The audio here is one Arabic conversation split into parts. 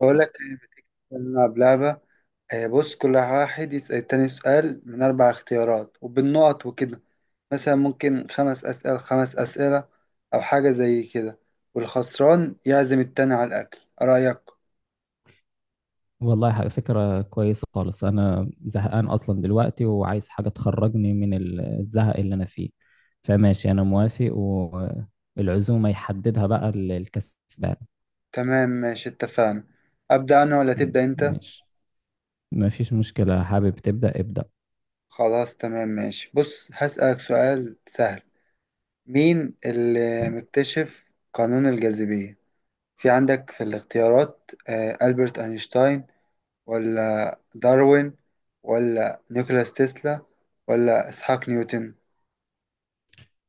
بقول لك إيه، ما تيجي نلعب لعبة. بص، كل واحد يسأل التاني سؤال من أربع اختيارات وبالنقط وكده. مثلا ممكن خمس أسئلة، أو حاجة زي كده، والخسران يعزم التاني على الأكل. إيه رأيك؟ والله حاجة فكرة كويسة خالص. أنا زهقان أصلا دلوقتي وعايز حاجة تخرجني من الزهق اللي أنا فيه. فماشي أنا موافق، والعزومة يحددها بقى الكسبان. تمام ماشي، اتفقنا. أبدأ أنا ولا تبدأ أنت؟ ماشي، مفيش مشكلة، حابب تبدأ ابدأ. خلاص تمام ماشي، بص هسألك سؤال سهل. مين اللي تمام. مكتشف قانون الجاذبية؟ في عندك في الاختيارات ألبرت أينشتاين، ولا داروين، ولا نيكولاس تسلا، ولا إسحاق نيوتن.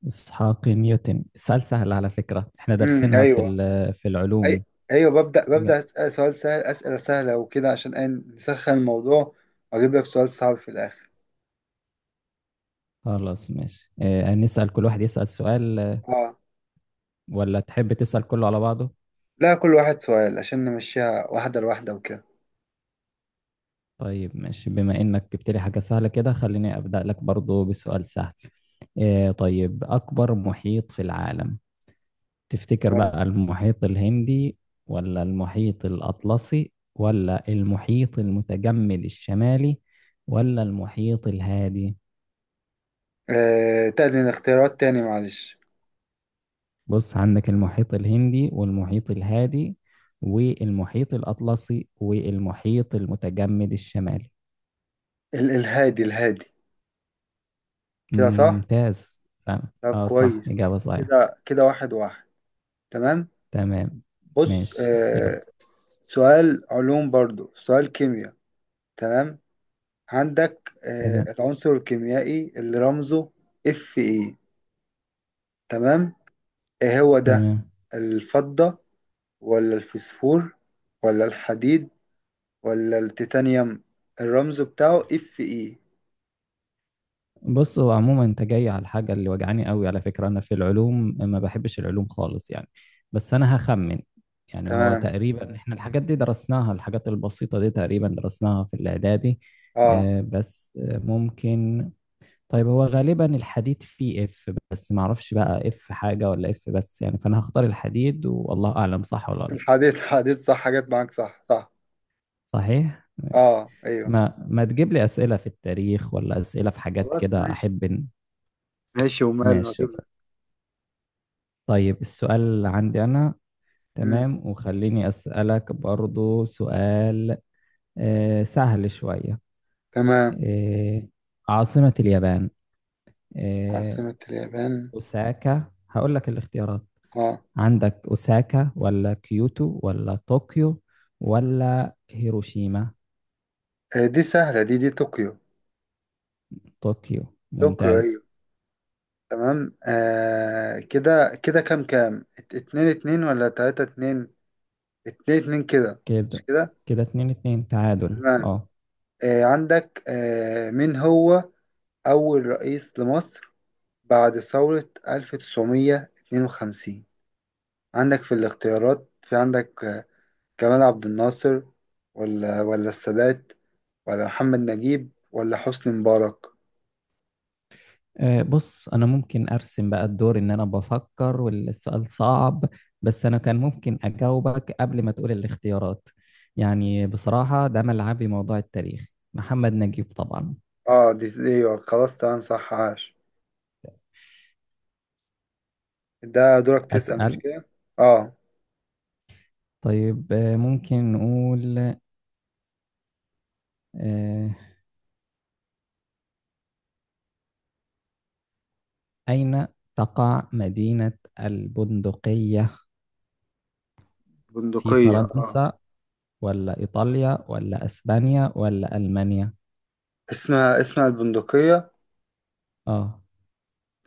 إسحاق نيوتن. السؤال سهل على فكرة، إحنا دارسينها في ايوه. في أي... العلوم. ايوه، ببدأ أسأل سؤال سهل، أسئلة سهلة وكده عشان إيه؟ نسخن الموضوع، وأجيب لك سؤال صعب في الآخر. خلاص ماشي، نسأل كل واحد يسأل سؤال، اه، ولا تحب تسأل كله على بعضه؟ لا، كل واحد سؤال عشان نمشيها واحدة لواحدة وكده. طيب ماشي، بما انك جبت لي حاجة سهلة كده خليني ابدأ لك برضو بسؤال سهل. إيه، طيب، اكبر محيط في العالم تفتكر تمام. بقى؟ المحيط الهندي ولا المحيط الاطلسي ولا المحيط المتجمد الشمالي ولا المحيط الهادي؟ تاني الاختيارات تاني، معلش. بص عندك المحيط الهندي والمحيط الهادي والمحيط الاطلسي والمحيط المتجمد الشمالي. الهادي، الهادي. كده صح؟ ممتاز. فعلا. طب اه صح، كويس. اجابة صحيحة. كده كده، واحد واحد. تمام. تمام. بص، ماشي يلا. سؤال علوم برضو، سؤال كيمياء. تمام. عندك تمام. العنصر الكيميائي اللي رمزه Fe. تمام، ايه هو ده؟ تمام. الفضة، ولا الفسفور، ولا الحديد، ولا التيتانيوم؟ الرمز بتاعه Fe. بص، هو عموما انت جاي على الحاجة اللي وجعاني قوي على فكرة، انا في العلوم ما بحبش العلوم خالص يعني. بس انا هخمن. يعني هو تمام. تقريبا احنا الحاجات دي درسناها، الحاجات البسيطة دي تقريبا درسناها في الاعدادي. اه، بس ممكن. طيب، هو غالبا الحديد فيه اف، بس ما اعرفش بقى اف حاجة ولا اف بس يعني، فانا هختار الحديد، والله اعلم صح ولا لا. الحديد صح، حاجات معاك، صح صح. صحيح، ماشي. اه ايوه. ما تجيب لي أسئلة في التاريخ ولا أسئلة في حاجات خلاص كده، ماشي. أحب. ماشي ومال ماشي واجيب لك. طيب. طيب، السؤال اللي عندي أنا. مم. تمام، وخليني أسألك برضو سؤال سهل شوية. تمام. آه، عاصمة اليابان. آه، عاصمة اليابان. أوساكا. هقول لك الاختيارات. اه. عندك أوساكا ولا كيوتو ولا طوكيو ولا هيروشيما؟ دي سهلة، دي طوكيو. طوكيو، طوكيو، ممتاز. ايوه. تمام. كده كده كام كام، اتنين اتنين، ولا تلاتة اتنين؟ اتنين اتنين، كده. مش كده كده. كده 2-2 تعادل، تمام. اه. عندك، مين هو أول رئيس لمصر بعد ثورة 1952؟ عندك في الاختيارات، في عندك، جمال عبد الناصر، ولا السادات، ولا محمد نجيب، ولا حسني مبارك؟ بص انا ممكن ارسم بقى الدور ان انا بفكر والسؤال صعب، بس انا كان ممكن اجاوبك قبل ما تقول الاختيارات. يعني بصراحة ده ملعبي، موضوع التاريخ. محمد نجيب طبعا. اه، دي ايوه، خلاص تمام، صح، عاش. ده دورك تسأل، مش اسأل. كده؟ اه. طيب، ممكن نقول آه، اين تقع مدينة البندقية؟ في بندقية، اه. فرنسا ولا ايطاليا ولا اسبانيا ولا المانيا؟ اسمها البندقية. اه،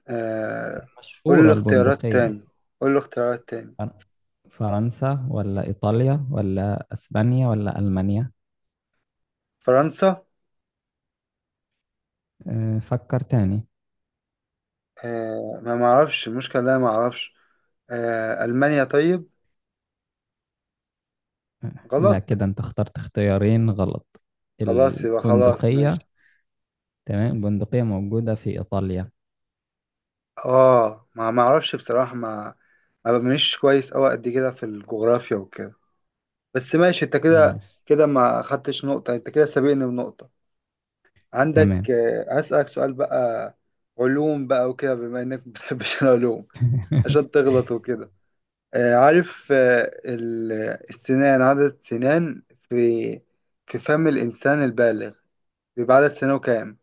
آه. قول لي مشهورة الاختيارات البندقية. تاني، قول لي الاختيارات تاني. فر- فرنسا ولا إيطاليا ولا أسبانيا ولا ألمانيا؟ فرنسا. فكر تاني. آه، ما معرفش المشكلة، لا، ما اعرفش. ألمانيا، طيب. لا غلط. كده أنت اخترت اختيارين غلط. خلاص، يبقى خلاص ماشي. البندقية، تمام، البندقية موجودة في إيطاليا. اه، ما معرفش بصراحة، ما مش كويس أوي قد كده في الجغرافيا وكده. بس ماشي، انت كده ماشي. كده ما خدتش نقطة، انت كده سابقني بنقطة. تمام. عندك، هسألك سؤال بقى، علوم بقى وكده، بما انك ما بتحبش العلوم عشان تغلط وكده. عارف عدد السنان في في فم الإنسان البالغ، بيبقى عدد سنانه كام؟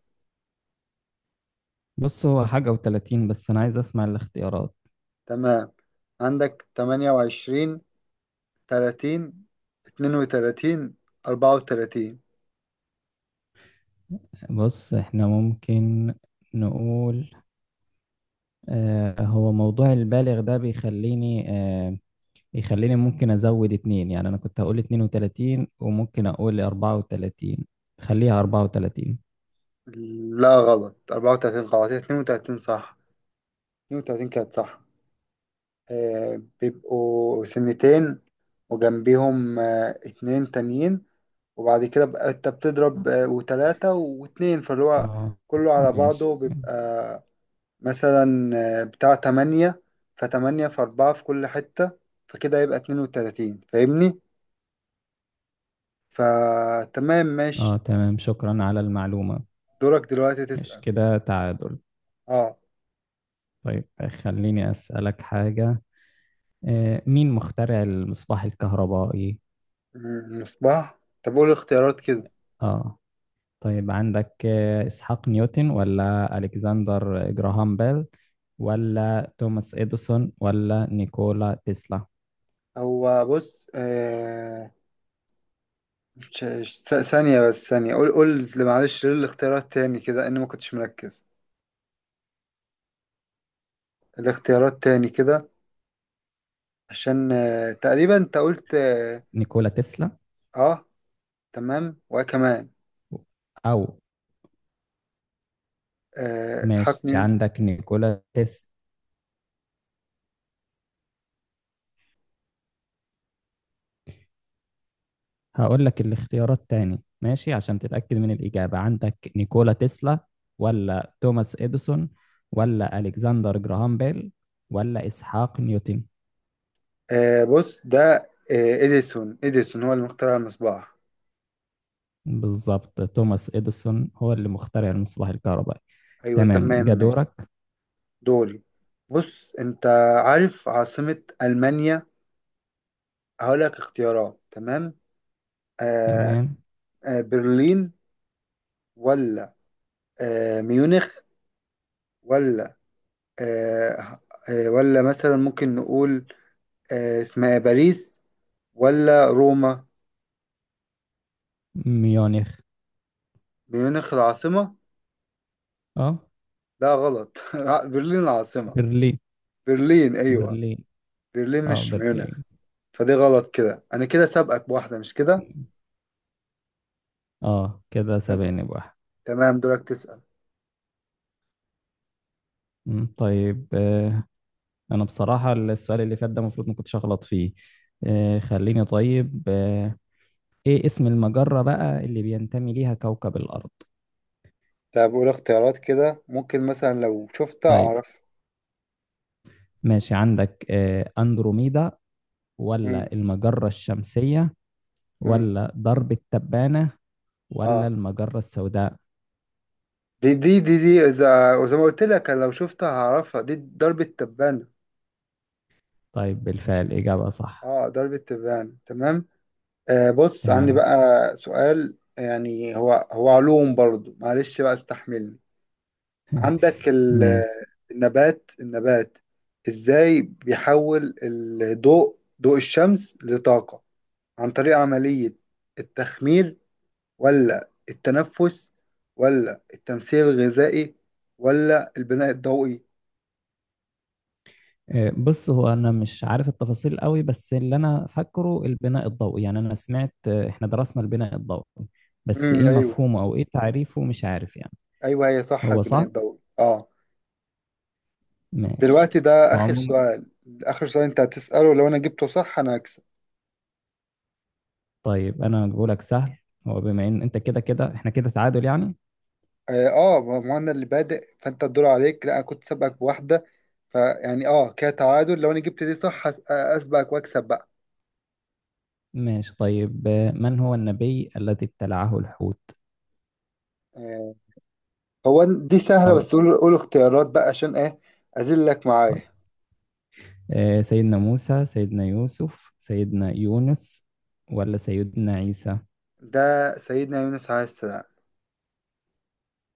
بص هو حاجة وتلاتين، بس أنا عايز أسمع الاختيارات. تمام. عندك 28، 30، 32، 34. بص إحنا ممكن نقول. هو موضوع البالغ ده بيخليني آه، يخليني ممكن ازود اتنين. يعني انا كنت هقول 32، وممكن اقول 34. خليها 34. لا غلط، 34 غلط، هي 32 صح. اتنين وتلاتين كانت صح. بيبقوا سنتين، وجنبيهم اتنين تانيين، وبعد كده بقى انت بتضرب وتلاتة واتنين، فاللي هو اه كله على ماشي. بعضه بيبقى مثلا بتاع تمانية. فتمانية في أربعة في كل حتة، فكده يبقى 32. فاهمني؟ فتمام اه ماشي. تمام، شكرا على المعلومة. دورك دلوقتي مش تسأل. كده تعادل؟ اه، طيب خليني اسألك حاجة. مين مخترع المصباح الكهربائي؟ مصباح. طب قول اختيارات كده. اه. طيب عندك اسحاق نيوتن ولا الكسندر جراهام بيل ولا توماس اديسون ولا نيكولا تسلا؟ هو بص، ثانية، بس ثانية، قول قول، معلش، ليه الاختيارات تاني كده، إني ما كنتش مركز. الاختيارات تاني كده، عشان تقريبا انت قلت اه، نيكولا تسلا. آه، تمام وكمان او اسحاق ماشي، نيوتن. عندك نيكولا تسلا. هقول لك الاختيارات تاني ماشي عشان تتأكد من الإجابة. عندك نيكولا تسلا ولا توماس إديسون ولا ألكسندر جراهام بيل ولا إسحاق نيوتن؟ بص ده، اديسون هو اللي مخترع المصباح. بالظبط، توماس إديسون هو اللي مخترع المصباح الكهربائي. ايوه تمام تمام ماشي. جدورك. دوري. بص، انت عارف عاصمة المانيا؟ هقولك اختيارات. تمام. آه، تمام. برلين، ولا ميونخ، ولا آه، ولا مثلا ممكن نقول اسمها إيه، باريس، ولا روما؟ ميونخ. ميونخ العاصمة. اه. لا غلط. برلين العاصمة. برلين. برلين، أيوة. برلين. برلين اه مش ميونخ. برلين. فدي غلط، كده أنا كده سابقك بواحدة، مش كده؟ اه كده تم- سبقني بواحد. تمام، دورك تسأل. مم، طيب. انا بصراحة السؤال اللي فات ده المفروض ما كنتش اغلط فيه. خليني، طيب. ايه اسم المجرة بقى اللي بينتمي ليها كوكب الارض؟ طب قول اختيارات كده، ممكن مثلا لو شفتها طيب أعرف. ماشي. عندك اندروميدا مم. ولا المجرة الشمسية مم. ولا درب التبانة ولا آه المجرة السوداء؟ دي إذا وزي ما قلت لك، أنا لو شفتها هعرفها، دي ضربة تبانة. طيب، بالفعل إجابة صح. آه، ضربة تبانة، تمام. آه، بص، عندي تمام. بقى سؤال، يعني هو علوم برضو، معلش بقى استحملني. عندك ماشي. النبات، النبات ازاي بيحول الضوء، ضوء الشمس لطاقة، عن طريق عملية التخمير، ولا التنفس، ولا التمثيل الغذائي، ولا البناء الضوئي؟ بص هو انا مش عارف التفاصيل قوي، بس اللي انا فاكره البناء الضوئي، يعني انا سمعت احنا درسنا البناء الضوئي. بس ايه ايوه، مفهومه او ايه تعريفه مش عارف يعني. ايوه، هي صح، هو البناء صح. الضوئي، اه. ماشي. دلوقتي ده هو اخر عموما. سؤال، اخر سؤال انت هتسأله، لو انا جبته صح انا هكسب. طيب انا بقولك سهل. هو بما ان انت كده كده احنا كده تعادل يعني. اه، ما انا اللي بادئ، فانت الدور عليك، لا، انا كنت سابقك بواحده، فيعني اه كده تعادل، لو انا جبت دي صح اسبقك واكسب بقى. ماشي طيب. من هو النبي الذي ابتلعه الحوت؟ آه، هو دي سهله، او بس قول قول اختيارات بقى، عشان ايه اذلك طيب. معايا. سيدنا موسى، سيدنا يوسف، سيدنا يونس، ولا سيدنا عيسى؟ ده سيدنا يونس عليه السلام.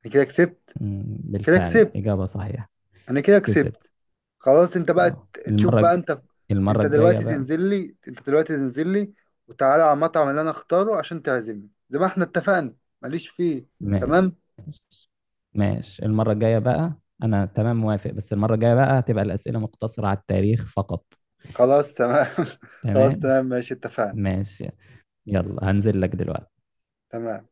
انا كده كسبت، كده بالفعل كسبت، إجابة صحيحة. انا كده كسب. كسبت. خلاص، انت بقى اه تشوف بقى انت. المرة انت الجاية دلوقتي بقى. تنزل لي، انت دلوقتي تنزل لي، وتعالى على المطعم اللي انا اختاره عشان تعزمني زي ما احنا اتفقنا. ماليش فيه. تمام. ماشي. ماشي المرة الجاية بقى. أنا تمام موافق، بس المرة الجاية بقى هتبقى الأسئلة مقتصرة على التاريخ فقط. خلاص تمام، خلاص تمام. تمام ماشي، اتفقنا. ماشي. يلا هنزل لك دلوقتي تمام.